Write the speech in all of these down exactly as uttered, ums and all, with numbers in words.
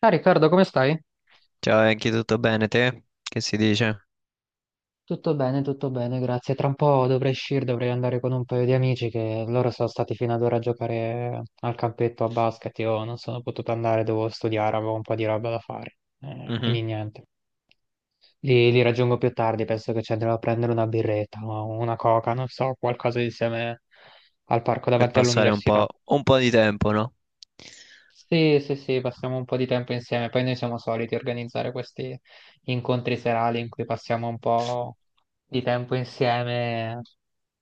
Ah, Riccardo, come stai? Ciao Enki, tutto bene te? Che si dice? Tutto bene, tutto bene, grazie. Tra un po' dovrei uscire, dovrei andare con un paio di amici che loro sono stati fino ad ora a giocare al campetto a basket. Io non sono potuto andare, dovevo studiare, avevo un po' di roba da fare. Eh, Mhm. Quindi niente. Li, li raggiungo più tardi, penso che ci andrò a prendere una birretta o una coca, non so, qualcosa insieme al parco Per davanti passare un all'università. po', un po' di tempo, no? Sì, sì, sì, passiamo un po' di tempo insieme, poi noi siamo soliti organizzare questi incontri serali in cui passiamo un po' di tempo insieme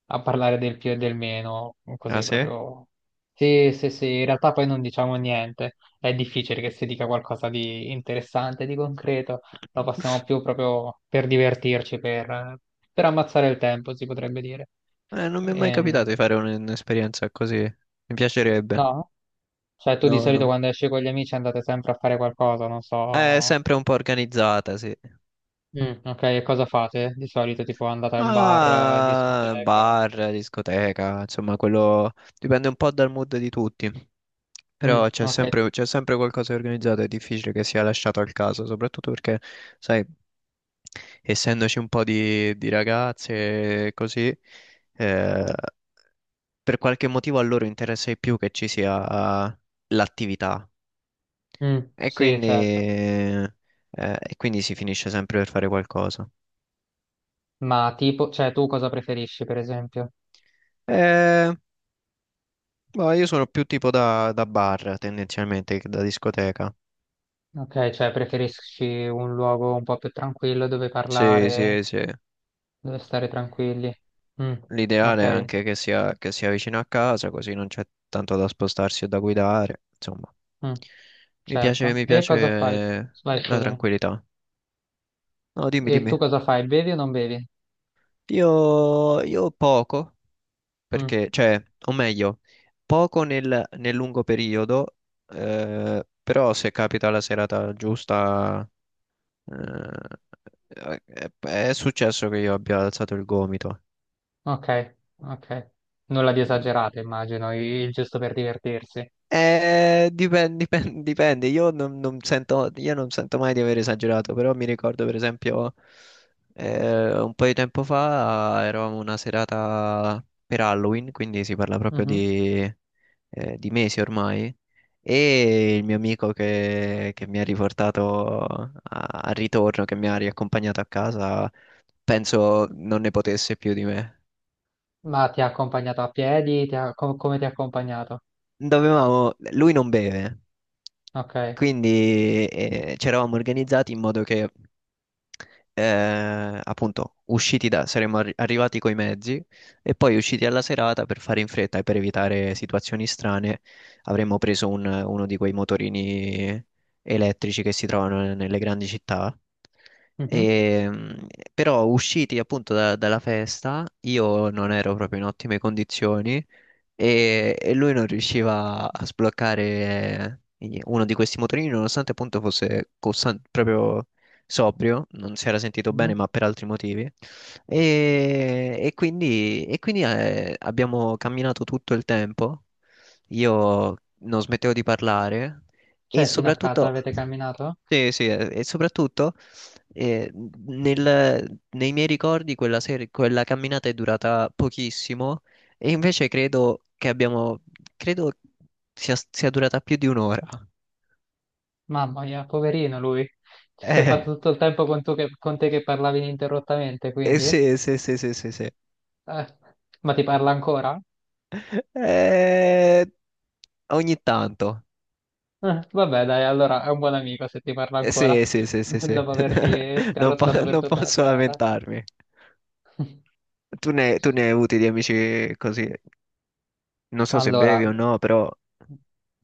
a parlare del più e del meno, Ah così sì? proprio... Sì, sì, sì, in realtà poi non diciamo niente, è difficile che si dica qualcosa di interessante, di concreto, lo passiamo più proprio per divertirci, per, per ammazzare il tempo, si potrebbe dire. Eh, non mi è mai capitato Ehm, di fare un- un'esperienza così. Mi piacerebbe. no? Cioè, tu di No, solito no. quando esci con gli amici andate sempre a fare qualcosa, non È so. sempre un po' organizzata, sì. Mm, ok, e cosa fate? Di solito, tipo, andate a un bar, eh, Ah, discoteca. bar, discoteca, insomma, quello dipende un po' dal mood di tutti. Mm, Però c'è ok. sempre, c'è sempre qualcosa di organizzato, è difficile che sia lasciato al caso, soprattutto perché, sai, essendoci un po' di, di ragazze e così, eh, per qualche motivo a loro interessa di più che ci sia l'attività Mm, e sì, quindi, certo. eh, e quindi si finisce sempre per fare qualcosa. Ma tipo, cioè, tu cosa preferisci, per esempio? Eh, Boh, io sono più tipo da, da bar tendenzialmente che da discoteca. Ok, cioè, preferisci un luogo un po' più tranquillo dove Sì, parlare, sì, sì. dove stare tranquilli. Mm, L'ideale è ok. anche che sia, che sia vicino a casa, così non c'è tanto da spostarsi o da guidare. Insomma, Mm, mi piace, certo. mi E cosa fai? piace Vai, la scusami. tranquillità. No, dimmi, E tu dimmi. cosa fai? Bevi o non bevi? Io, io poco, Mm. perché, cioè, o meglio, poco nel, nel lungo periodo, eh, però se capita la serata giusta, eh, è, è successo che io abbia alzato il gomito. Ok, ok. Nulla di esagerato, immagino, il giusto per divertirsi. Eh, dipen- dipen- dipende. Io non, non sento, io non sento mai di aver esagerato, però mi ricordo per esempio eh, un po' di tempo fa eravamo una serata per Halloween, quindi si parla proprio Mhm. di, eh, di mesi ormai, e il mio amico che, che mi ha riportato a- al ritorno, che mi ha riaccompagnato a casa, penso non ne potesse più di me. Ma ti ha accompagnato a piedi? Ti ha- com- come ti ha accompagnato? Dovevamo, lui non beve. Ok. Quindi eh, ci eravamo organizzati in modo che, eh, appunto, usciti da, saremmo arri- arrivati coi mezzi e poi usciti alla serata per fare in fretta e per evitare situazioni strane, avremmo preso un- uno di quei motorini elettrici che si trovano nelle grandi città. Mhm, E, mh, però usciti appunto da- dalla festa, io non ero proprio in ottime condizioni e e lui non riusciva a sbloccare eh, uno di questi motorini, nonostante appunto fosse costan- proprio sobrio, non si era sentito bene, mhm. ma per altri motivi. E, e quindi, e quindi, eh, abbiamo camminato tutto il tempo. Io non smettevo di parlare e Cioè, fino a casa soprattutto, avete camminato? sì, sì, eh, e soprattutto eh, nel- nei miei ricordi quella, sera- quella camminata è durata pochissimo e invece credo che abbiamo, credo sia, sia durata più di un'ora. Mamma mia, poverino lui. Ci sei Eh, fatto tutto il tempo con, tu che- con te che parlavi ininterrottamente, eh, quindi? sì, sì, sì, sì, sì, sì. Eh, ma ti parla ancora? Eh, Ogni tanto. Eh, vabbè, dai, allora è un buon amico se ti parla Eh, ancora, Sì, sì, sì, sì, sì. dopo averti Non, scarrozzato po- per non tutta la posso serata. lamentarmi. Tu ne, tu ne hai avuti di amici così. Non so se Allora, bevi o no, però.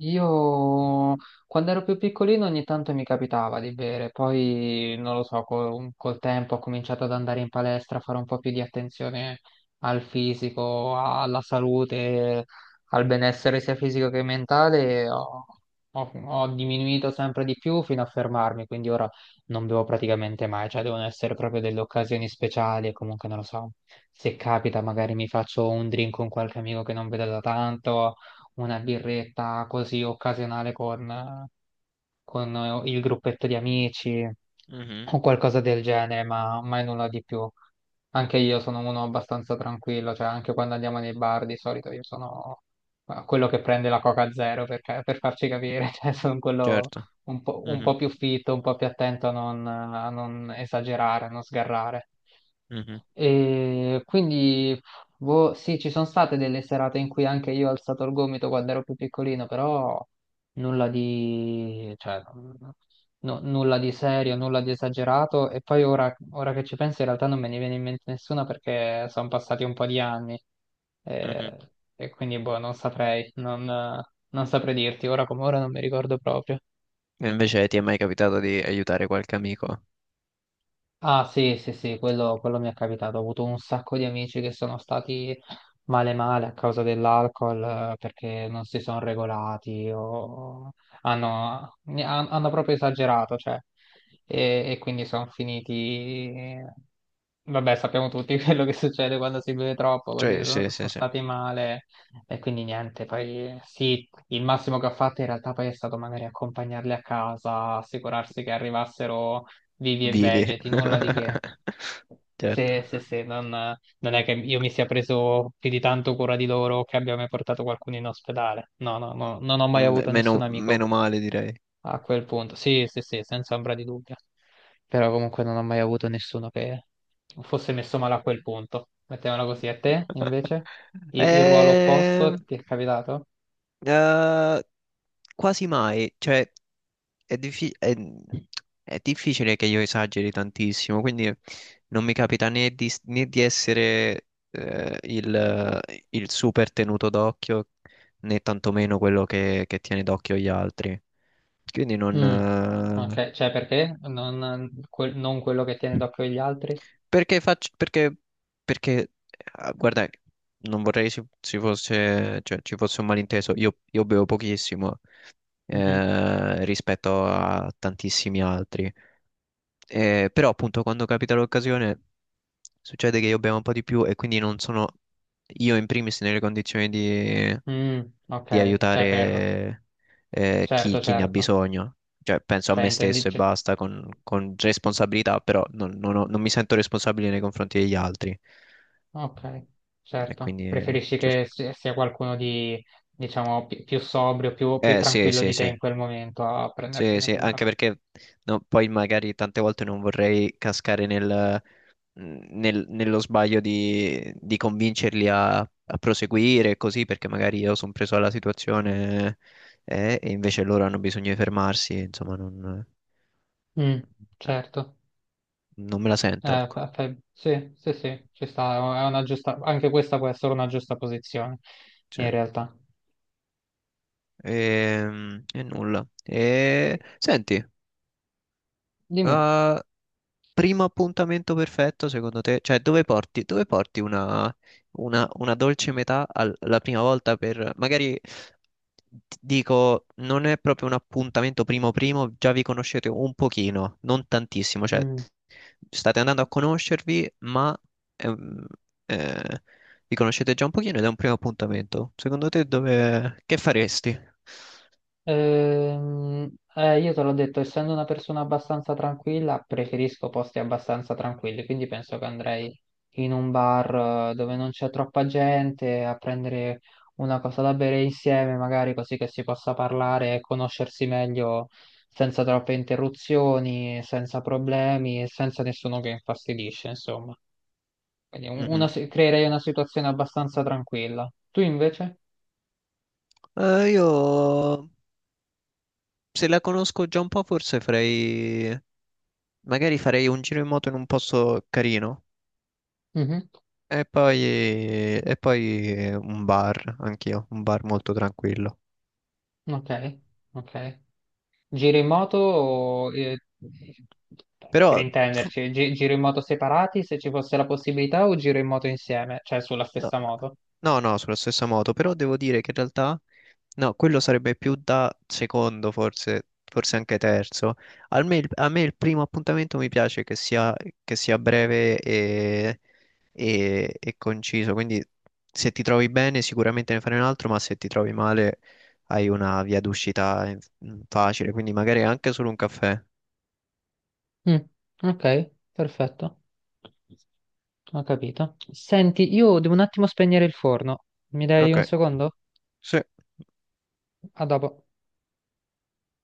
io quando ero più piccolino ogni tanto mi capitava di bere, poi non lo so, col, col tempo ho cominciato ad andare in palestra, a fare un po' più di attenzione al fisico, alla salute, al benessere sia fisico che mentale, ho, ho- ho diminuito sempre di più fino a fermarmi, quindi ora non bevo praticamente mai, cioè devono essere proprio delle occasioni speciali e comunque non lo so, se capita magari mi faccio un drink con qualche amico che non vedo da tanto, una birretta così occasionale con, con il gruppetto di amici Mhm, o qualcosa del genere, ma mai nulla di più. Anche io sono uno abbastanza tranquillo, cioè anche quando andiamo nei bar di solito io sono eh, quello che prende la Coca Zero perché- per farci capire, cioè sono quello certo. un po', un Mhm, po' più fitto, un po' più attento a non, a non esagerare, a non sgarrare. mhm, E quindi, boh, sì, ci sono state delle serate in cui anche io ho alzato il gomito quando ero più piccolino, però nulla di, cioè, no- nulla di serio, nulla di esagerato. E poi ora, ora che ci penso, in realtà non me ne viene in mente nessuna perché sono passati un po' di anni. mhm. eh, E quindi, boh, non saprei, non, non saprei dirti, ora come ora non mi ricordo proprio. E invece ti è mai capitato di aiutare qualche amico? Ah sì, sì, sì, quello, quello mi è capitato. Ho avuto un sacco di amici che sono stati male male a causa dell'alcol, eh, perché non si sono regolati o hanno, ne- han- hanno proprio esagerato, cioè, e, e quindi sono finiti... Vabbè, sappiamo tutti quello che succede quando si beve troppo, così Cioè, sono, sì, sì, sono sì. stati male e quindi niente, poi sì, il massimo che ho fatto in realtà poi è stato magari accompagnarli a casa, assicurarsi che arrivassero vivi e Vivi. vegeti, nulla di che. Certo. Se, se, se, non, non è che io mi sia preso più di tanto cura di loro o che abbia mai portato qualcuno in ospedale. No, no, no, non ho mai M- avuto meno, nessun amico meno male, direi. a quel punto. Sì, sì, sì, senza ombra di dubbio. Però comunque non ho mai avuto nessuno che fosse messo male a quel punto. Mettiamola così. A te, invece? Il, il ruolo Eh, opposto ti è capitato? eh, Quasi mai. Cioè, è, diffi- è- è difficile che io esageri tantissimo, quindi non mi capita né di, né di essere eh, il, il super tenuto d'occhio, né tantomeno quello che, che tiene d'occhio gli altri. Quindi non. Mm, eh, ok, cioè perché? Non, quel- non quello che tiene d'occhio gli altri? Perché faccio, perché, perché, eh, guarda, non vorrei si, si fosse, cioè, ci fosse un malinteso. Io, io bevo pochissimo Mhm. eh, rispetto a tantissimi altri. Eh, però appunto quando capita l'occasione succede che io bevo un po' di più e quindi non sono io in primis nelle condizioni di, Mm, di ok, cioè per... aiutare eh, chi, Certo, chi ne ha certo. bisogno. Cioè penso a Cioè, me intendi... stesso e cioè, basta con, con responsabilità, però non, non ho- non mi sento responsabile nei confronti degli altri. ok, E certo. quindi eh, Preferisci cerco. che si- sia qualcuno di, diciamo, pi- più sobrio, più, più Eh sì, tranquillo sì, di te sì, in quel momento a sì, prendersene sì, cura. anche perché no, poi magari tante volte non vorrei cascare nel... mh, nel- nello sbaglio di, di convincerli a, a proseguire e così, perché magari io sono preso alla situazione eh, e invece loro hanno bisogno di fermarsi, insomma, non, Mm, eh, certo. non me la sento, Eh, ecco. fa- fa- sì, sì, sì, ci sta. È una giusta... Anche questa può essere una giusta posizione, Cioè, in realtà. ehm, e, nulla. E, senti, Dimmi. eh, primo appuntamento perfetto, secondo te? Cioè, dove porti, dove porti una, una- una dolce metà al- la prima volta per... Magari ti dico, non è proprio un appuntamento primo primo, già vi conoscete un pochino, non tantissimo, cioè Mm. state andando a conoscervi, ma ehm, eh, vi conoscete già un pochino ed è un primo appuntamento. Secondo te dove... che faresti? Ehm, eh, io te l'ho detto, essendo una persona abbastanza tranquilla, preferisco posti abbastanza tranquilli, quindi penso che andrei in un bar eh, dove non c'è troppa gente a prendere una cosa da bere insieme, magari così che si possa parlare e conoscersi meglio senza troppe interruzioni, senza problemi e senza nessuno che infastidisce, insomma. Quindi un- una Mhm. si- creerei una situazione abbastanza tranquilla. Tu invece? Eh, io se la conosco già un po', forse farei. Magari farei un giro in moto in un posto carino Mhm. e poi, e poi un bar, anch'io, un bar molto tranquillo. Ok, ok. Giri in moto, eh, per Però f- intenderci, gi- giri in moto separati se ci fosse la possibilità o giro in moto insieme, cioè sulla No, stessa moto? no, no, sulla stessa moto, però devo dire che in realtà, no, quello sarebbe più da secondo, forse, forse anche terzo. Al me il- A me, il primo appuntamento mi piace che sia, che sia breve e, e- e conciso, quindi se ti trovi bene sicuramente ne fai un altro, ma se ti trovi male hai una via d'uscita eh, facile, quindi magari anche solo un caffè. Mm, ok, perfetto, ho capito. Senti, io devo un attimo spegnere il forno. Mi dai Ok, un secondo? sì. A dopo.